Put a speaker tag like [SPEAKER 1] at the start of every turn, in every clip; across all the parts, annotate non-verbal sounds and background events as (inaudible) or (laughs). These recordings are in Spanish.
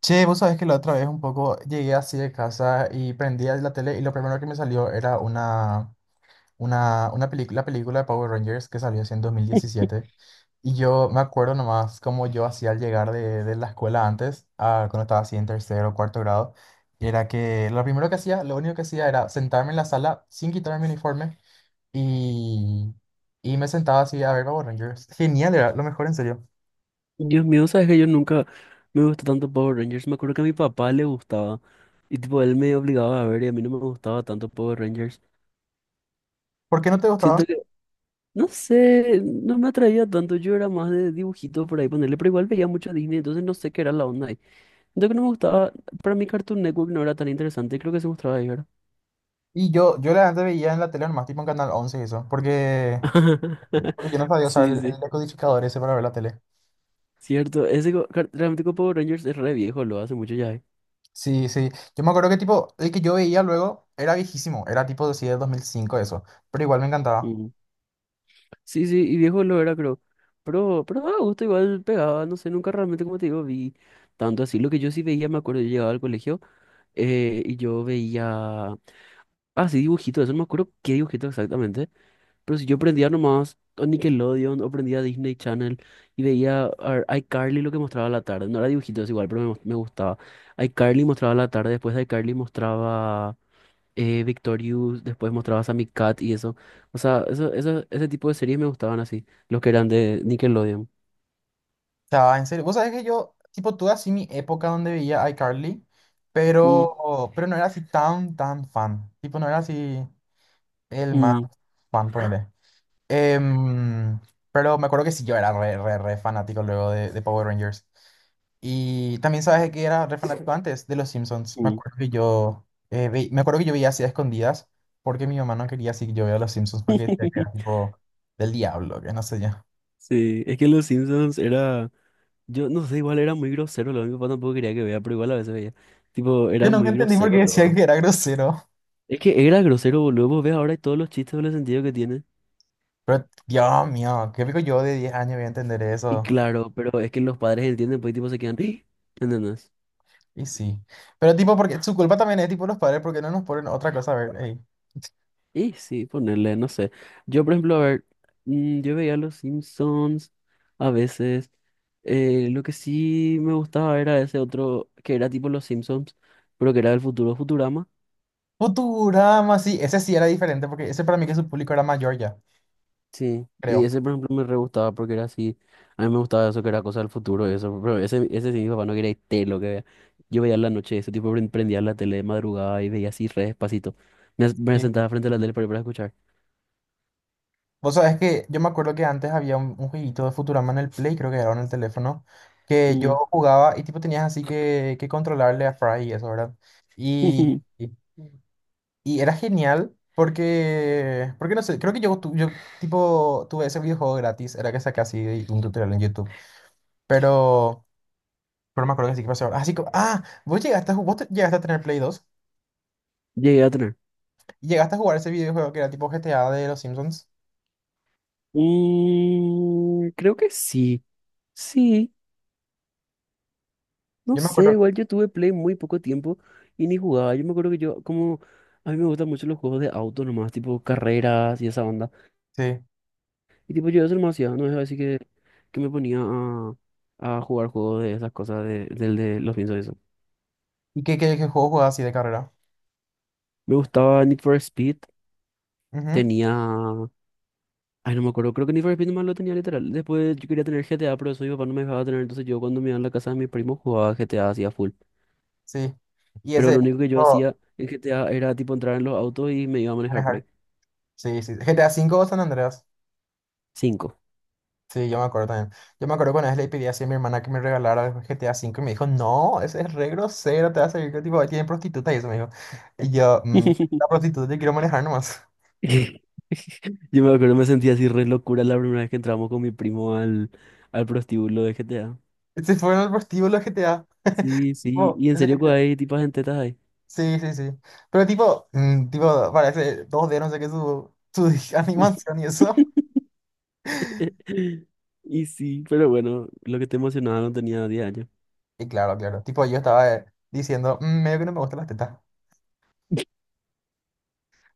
[SPEAKER 1] Che, vos sabés que la otra vez un poco llegué así de casa y prendí la tele, y lo primero que me salió era una película, la película de Power Rangers que salió así en 2017. Y yo me acuerdo nomás como yo hacía al llegar de la escuela antes, cuando estaba así en tercero o cuarto grado, era que lo primero que hacía, lo único que hacía era sentarme en la sala sin quitarme mi uniforme, y, y me sentaba así a ver Power Rangers. Genial, era lo mejor en serio.
[SPEAKER 2] Dios mío, sabes que yo nunca me gustó tanto Power Rangers. Me acuerdo que a mi papá le gustaba y tipo él me obligaba a ver y a mí no me gustaba tanto Power Rangers.
[SPEAKER 1] ¿Por qué no te gustaba?
[SPEAKER 2] Siento que, no sé, no me atraía tanto. Yo era más de dibujitos por ahí ponerle, pero igual veía mucho Disney, entonces no sé qué era la onda ahí. Siento que no me gustaba, para mí Cartoon Network no era tan interesante, creo que se mostraba ahí, ¿verdad?
[SPEAKER 1] Y yo la antes veía en la tele nomás, tipo en Canal 11 y eso, porque,
[SPEAKER 2] (laughs)
[SPEAKER 1] porque yo no sabía usar
[SPEAKER 2] Sí,
[SPEAKER 1] el,
[SPEAKER 2] sí,
[SPEAKER 1] el decodificador ese para ver la tele.
[SPEAKER 2] cierto. Ese realmente con Power Rangers es re viejo, lo hace mucho ya. ¿Eh?
[SPEAKER 1] Sí, sí. Yo me acuerdo que tipo, el que yo veía luego era viejísimo, era tipo de sí, del 2005 eso, pero igual me encantaba.
[SPEAKER 2] Mm. Sí, sí, y viejo lo era, creo. Pero a gusto igual pegaba, no sé, nunca realmente, como te digo, vi tanto así. Lo que yo sí veía, me acuerdo, yo llegaba al colegio y yo veía... Ah, sí, dibujitos, eso no me acuerdo qué dibujito exactamente. Pero si yo prendía nomás o Nickelodeon o prendía Disney Channel y veía iCarly lo que mostraba a la tarde. No era dibujitos igual, pero me gustaba. iCarly mostraba a la tarde, después de iCarly mostraba Victorious, después mostrabas a Cat y eso. O sea, ese tipo de series me gustaban así, los que eran de Nickelodeon.
[SPEAKER 1] O sea, en serio, vos sabés que yo, tipo, tuve así mi época donde veía iCarly,
[SPEAKER 2] Mm,
[SPEAKER 1] pero no era así tan, tan fan. Tipo, no era así el más
[SPEAKER 2] mm,
[SPEAKER 1] fan, Em, pero me acuerdo que sí, yo era re fanático luego de Power Rangers. Y también sabes de que era re fanático antes de los Simpsons. Me
[SPEAKER 2] mm.
[SPEAKER 1] acuerdo que yo veía así a escondidas, porque mi mamá no quería así que yo vea los Simpsons, porque decía que era
[SPEAKER 2] (laughs)
[SPEAKER 1] tipo del diablo, que no sé yo.
[SPEAKER 2] Sí, es que Los Simpsons era, yo no sé, igual era muy grosero, lo mi papá tampoco quería que vea, pero igual a veces veía. Tipo,
[SPEAKER 1] Yo
[SPEAKER 2] era
[SPEAKER 1] nunca
[SPEAKER 2] muy
[SPEAKER 1] entendí por
[SPEAKER 2] grosero,
[SPEAKER 1] qué decían
[SPEAKER 2] lo.
[SPEAKER 1] que era grosero.
[SPEAKER 2] Es que era grosero, boludo, vos ves ahora y todos los chistes, con el sentido que tiene.
[SPEAKER 1] Pero Dios mío, qué pico yo de 10 años voy a entender
[SPEAKER 2] Y
[SPEAKER 1] eso.
[SPEAKER 2] claro, pero es que los padres entienden, pues y tipo se quedan, (gasps) ¿entendés?
[SPEAKER 1] Y sí. Pero tipo, porque su culpa también es tipo los padres, porque no nos ponen otra cosa a ver.
[SPEAKER 2] Y sí, ponerle, no sé. Yo, por ejemplo, a ver, yo veía Los Simpsons a veces. Lo que sí me gustaba era ese otro, que era tipo Los Simpsons, pero que era del futuro Futurama.
[SPEAKER 1] Futurama, sí, ese sí era diferente porque ese para mí que su público era mayor ya,
[SPEAKER 2] Sí, y
[SPEAKER 1] creo.
[SPEAKER 2] ese, por ejemplo, me re gustaba porque era así. A mí me gustaba eso, que era cosa del futuro y eso. Pero ese sí, mi papá no quería ir té lo que vea. Yo veía en la noche, ese tipo prendía la tele de madrugada y veía así re despacito. Me
[SPEAKER 1] Sí.
[SPEAKER 2] sentaba frente a la tele para escuchar.
[SPEAKER 1] Vos sabés que yo me acuerdo que antes había un jueguito de Futurama en el Play, creo que era, o en el teléfono, que
[SPEAKER 2] Mm.
[SPEAKER 1] yo jugaba y tipo tenías así que controlarle a Fry y eso, ¿verdad? Y,
[SPEAKER 2] (laughs)
[SPEAKER 1] y, y era genial porque no sé, creo que yo tipo tuve ese videojuego gratis, era que saqué así de un tutorial en YouTube, pero, pero me acuerdo que sí que pasó. Así que, ah, vos llegaste, a ju- vos te- ¿Llegaste a tener Play 2?
[SPEAKER 2] Llegué a tener.
[SPEAKER 1] ¿Llegaste a jugar ese videojuego que era tipo GTA de los Simpsons?
[SPEAKER 2] Mm, creo que sí, sí, no
[SPEAKER 1] Yo me
[SPEAKER 2] sé,
[SPEAKER 1] acuerdo.
[SPEAKER 2] igual yo tuve Play muy poco tiempo y ni jugaba, yo me acuerdo que yo, como, a mí me gustan mucho los juegos de auto nomás, tipo carreras y esa onda,
[SPEAKER 1] Sí.
[SPEAKER 2] y tipo yo eso nomás hacía, no es así que me ponía a jugar juegos de esas cosas, del de los piensos de eso.
[SPEAKER 1] ¿Y qué juego jugabas así de carrera?
[SPEAKER 2] Me gustaba Need for Speed,
[SPEAKER 1] Ujú.
[SPEAKER 2] tenía, ay no me acuerdo, creo que Need for Speed nomás lo tenía literal, después yo quería tener GTA, pero eso mi papá no me dejaba tener, entonces yo cuando me iba a la casa de mis primos jugaba GTA así a full.
[SPEAKER 1] Sí. Y
[SPEAKER 2] Pero
[SPEAKER 1] ese...
[SPEAKER 2] lo único que yo
[SPEAKER 1] oh,
[SPEAKER 2] hacía en GTA era tipo entrar en los autos y me iba a manejar por
[SPEAKER 1] manejar.
[SPEAKER 2] ahí.
[SPEAKER 1] Sí, sí. GTA 5 o San Andreas.
[SPEAKER 2] Cinco.
[SPEAKER 1] Sí, yo me acuerdo también. Yo me acuerdo cuando vez le pedí así a mi hermana que me regalara el GTA 5 y me dijo, no, ese es re grosero, te va a servir que tipo, ahí tienen prostitutas y eso, me dijo. Y yo, la
[SPEAKER 2] (laughs)
[SPEAKER 1] prostituta, yo quiero manejar nomás.
[SPEAKER 2] Yo me acuerdo, me sentía así re locura la primera vez que entramos con mi primo al prostíbulo de GTA.
[SPEAKER 1] (laughs) Ese fue en el prostíbulo GTA.
[SPEAKER 2] Sí, sí.
[SPEAKER 1] Tipo,
[SPEAKER 2] Y en
[SPEAKER 1] ese
[SPEAKER 2] serio, que hay tipas en tetas ahí.
[SPEAKER 1] Sí, sí, sí. Pero tipo, tipo, parece 2D no sé qué, su (laughs) animación y eso.
[SPEAKER 2] (laughs) Y sí, pero bueno, lo que te emocionaba no tenía 10 años.
[SPEAKER 1] Y claro, claro. Tipo, yo estaba diciendo, medio que no me gustan las tetas.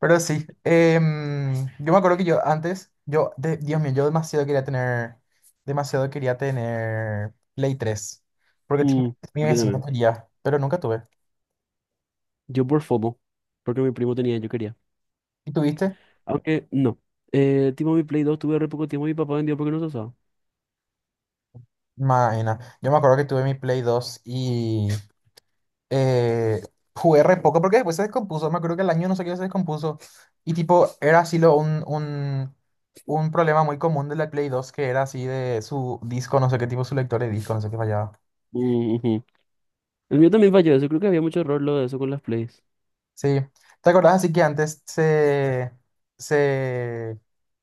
[SPEAKER 1] Pero sí, yo me acuerdo que yo antes, yo, de- Dios mío, yo demasiado quería tener Play 3. Porque tipo,
[SPEAKER 2] Mm,
[SPEAKER 1] mi
[SPEAKER 2] yo
[SPEAKER 1] vecino
[SPEAKER 2] también.
[SPEAKER 1] quería, pero nunca tuve.
[SPEAKER 2] Yo por FOMO, porque mi primo tenía, yo quería.
[SPEAKER 1] ¿Y tuviste?
[SPEAKER 2] Aunque no. Tipo mi Play 2 tuve re poco tiempo y mi papá vendió porque no se usaba.
[SPEAKER 1] Maena. Yo me acuerdo que tuve mi Play 2 y eh, jugué re poco porque después se descompuso. Me acuerdo que el año no sé qué se descompuso. Y tipo, era así un problema muy común de la Play 2, que era así de su disco, no sé qué tipo, su lector de disco, no sé qué fallaba.
[SPEAKER 2] El mío también falló eso. Creo que había mucho error lo de eso con las plays.
[SPEAKER 1] Sí. ¿Te acordás así que antes se,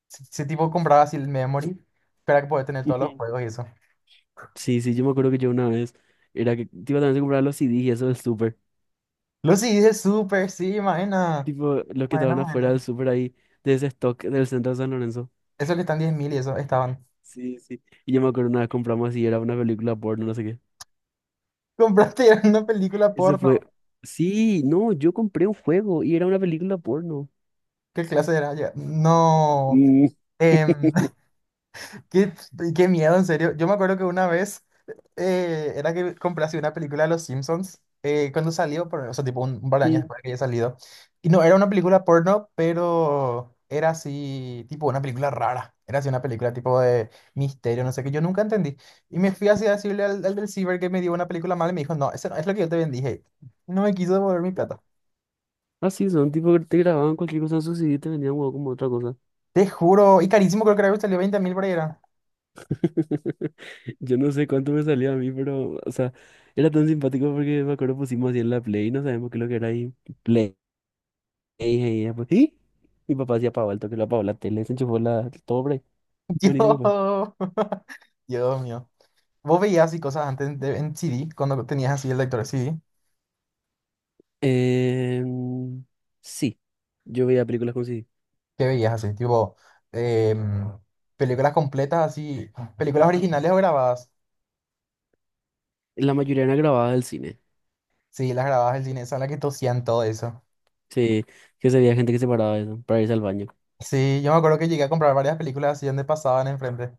[SPEAKER 1] se tipo compraba así el memory para que poder tener todos los
[SPEAKER 2] Ujú.
[SPEAKER 1] juegos y eso?
[SPEAKER 2] Sí, sí, yo me acuerdo que yo una vez era que tipo también se compraba los CDs y eso del súper.
[SPEAKER 1] Lucy dice súper, sí, maena.
[SPEAKER 2] Tipo, los que
[SPEAKER 1] Maena,
[SPEAKER 2] estaban afuera
[SPEAKER 1] maena.
[SPEAKER 2] del súper ahí, de ese stock del centro de San Lorenzo.
[SPEAKER 1] Eso que están 10.000 y eso, estaban.
[SPEAKER 2] Sí, sí. Y yo me acuerdo una vez compramos así, era una película porno, no sé qué.
[SPEAKER 1] (laughs) Compraste una película
[SPEAKER 2] Eso fue.
[SPEAKER 1] porno.
[SPEAKER 2] Sí, no, yo compré un juego y era una película porno.
[SPEAKER 1] ¿Qué clase era? Ya, no.
[SPEAKER 2] Mm.
[SPEAKER 1] em, (laughs)
[SPEAKER 2] (laughs)
[SPEAKER 1] qué, qué miedo, en serio. Yo me acuerdo que una vez era que compré así una película de Los Simpsons, cuando salió, o sea, tipo un par de años
[SPEAKER 2] Mm.
[SPEAKER 1] después de que haya salido. Y no, era una película porno, pero era así, tipo una película rara. Era así una película tipo de misterio, no sé qué. Yo nunca entendí. Y me fui así a decirle al del ciber que me dio una película mala, y me dijo, no, eso no es lo que yo te vendí, hey. Y no me quiso devolver mi plata.
[SPEAKER 2] Así son, tipo que te grababan cualquier cosa en su CD y te vendían huevo como otra cosa.
[SPEAKER 1] Te juro. Y carísimo, creo que era que salió 20.000 por ahí. Era.
[SPEAKER 2] (laughs) Yo no sé cuánto me salió a mí, pero, o sea, era tan simpático porque me acuerdo pusimos así en la Play, no sabemos qué es lo que era ahí. Play, y ella, pues, ¿sí? Mi papá hacía apagó el toque, lo apagó la tele, se enchufó la, todo por ahí.
[SPEAKER 1] (laughs)
[SPEAKER 2] Buenísimo, pues.
[SPEAKER 1] Yo. Dios mío. ¿Vos veías así cosas en CD, cuando tenías así el lector de CD?
[SPEAKER 2] Em, sí, yo veía películas con CD.
[SPEAKER 1] ¿Qué veías así? Tipo, em, películas completas así, películas originales o grabadas.
[SPEAKER 2] La mayoría eran grabadas del cine.
[SPEAKER 1] Sí, las grabadas del cine, son las que tosían todo eso.
[SPEAKER 2] Sí, que se veía gente que se paraba de eso para irse al baño.
[SPEAKER 1] Sí, yo me acuerdo que llegué a comprar varias películas así donde pasaban enfrente.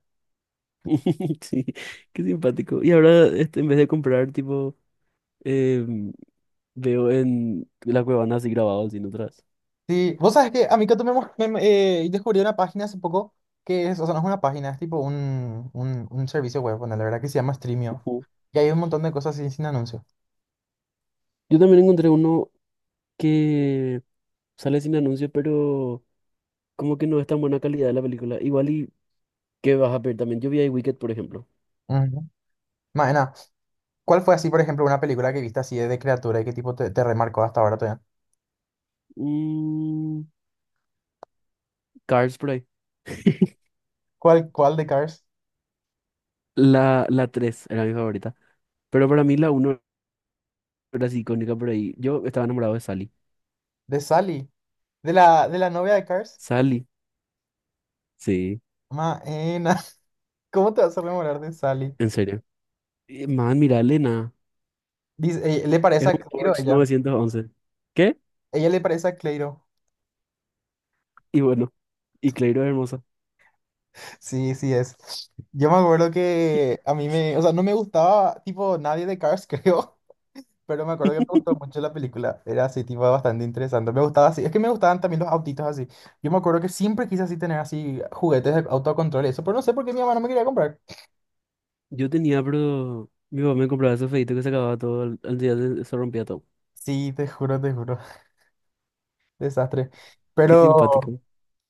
[SPEAKER 2] (laughs) Sí, qué simpático. Y ahora, este, en vez de comprar, tipo, em, veo en la cuevana así grabado, sin otras.
[SPEAKER 1] Sí, vos sabes que a mí que tú me, mos- me- me- descubrí una página hace poco, que es, o sea, no es una página, es tipo un servicio web, bueno, la verdad que se llama Streamio.
[SPEAKER 2] Ujú.
[SPEAKER 1] Y hay un montón de cosas así sin anuncio.
[SPEAKER 2] Yo también encontré uno que sale sin anuncio, pero como que no es tan buena calidad la película. Igual y que vas a ver también. Yo vi ahí Wicked, por ejemplo.
[SPEAKER 1] Ujú. Maena, ¿cuál fue así, por ejemplo, una película que viste así de criatura y qué tipo te remarcó hasta ahora todavía?
[SPEAKER 2] Mm, Cars por ahí. (laughs)
[SPEAKER 1] ¿Cuál de Cars?
[SPEAKER 2] La 3 era mi favorita. Pero para mí la uno era así icónica por ahí. Yo estaba enamorado de Sally.
[SPEAKER 1] De Sally. De la novia de Cars.
[SPEAKER 2] Sally, sí,
[SPEAKER 1] Maena. (laughs) ¿Cómo te vas a rememorar de Sally?
[SPEAKER 2] en serio. Man, mira, Elena.
[SPEAKER 1] Dice, le parece
[SPEAKER 2] Es
[SPEAKER 1] a
[SPEAKER 2] un
[SPEAKER 1] Clairo
[SPEAKER 2] Porsche
[SPEAKER 1] ella.
[SPEAKER 2] 911. ¿Qué?
[SPEAKER 1] Ella le parece a Clairo.
[SPEAKER 2] Y bueno, y Clairo es hermosa.
[SPEAKER 1] Sí, sí es. Yo me acuerdo que a mí me, o sea, no me gustaba tipo nadie de Cars, (laughs) creo. Pero me acuerdo que me gustó
[SPEAKER 2] (laughs)
[SPEAKER 1] mucho la película. Era así, tipo, bastante interesante. Me gustaba así. Es que me gustaban también los autitos así. Yo me acuerdo que siempre quise así tener así juguetes de autocontrol y eso. Pero no sé por qué mi mamá no me quería comprar.
[SPEAKER 2] Yo tenía, pero mi papá me compraba esos feitos que se acababa todo, al día se rompía todo.
[SPEAKER 1] Sí, te juro, te juro. (laughs) Desastre.
[SPEAKER 2] Qué
[SPEAKER 1] Pero,
[SPEAKER 2] simpático.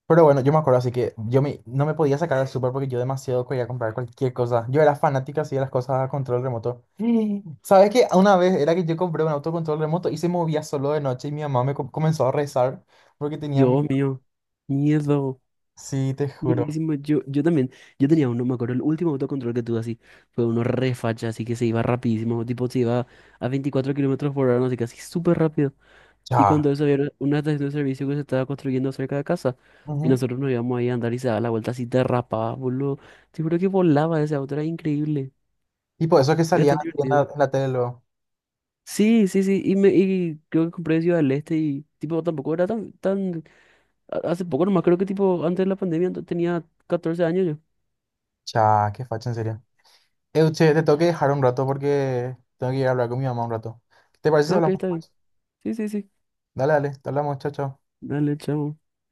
[SPEAKER 1] pero bueno, yo me acuerdo así que no me podía sacar al súper porque yo demasiado quería comprar cualquier cosa. Yo era fanática así de las cosas a control remoto. (gasps) Sí. ¿Sabes qué? Una vez era que yo compré un autocontrol remoto y se movía solo de noche, y mi mamá me comenzó a rezar porque tenía miedo.
[SPEAKER 2] Dios mío. Miedo.
[SPEAKER 1] Sí, te juro.
[SPEAKER 2] Miedísimo. Yo también. Yo tenía uno, me acuerdo, el último autocontrol que tuve así. Fue uno re facha, así que se iba rapidísimo. Tipo, se iba a 24 km/h, no sé, casi súper rápido. Y
[SPEAKER 1] Ya.
[SPEAKER 2] cuando eso había una estación de servicio que se estaba construyendo cerca de casa. Y
[SPEAKER 1] Ujú.
[SPEAKER 2] nosotros nos íbamos ahí a andar y se daba la vuelta así, derrapaba, boludo. Te juro que volaba ese auto, era increíble.
[SPEAKER 1] Y por eso es que
[SPEAKER 2] Era
[SPEAKER 1] salían
[SPEAKER 2] tan divertido.
[SPEAKER 1] en la tele luego.
[SPEAKER 2] Sí, sí, sí, y, me, y creo que compré Ciudad del Este y tipo tampoco era tan, tan, hace poco nomás creo que tipo antes de la pandemia tenía 14 años yo.
[SPEAKER 1] Cha, qué facha, en serio. Euche, te tengo que dejar un rato porque tengo que ir a hablar con mi mamá un rato. ¿Te parece si
[SPEAKER 2] Ah, ok,
[SPEAKER 1] hablamos
[SPEAKER 2] está bien.
[SPEAKER 1] después?
[SPEAKER 2] Sí, sí, sí.
[SPEAKER 1] Dale, dale, te hablamos, chao, chao.
[SPEAKER 2] Dale, chao.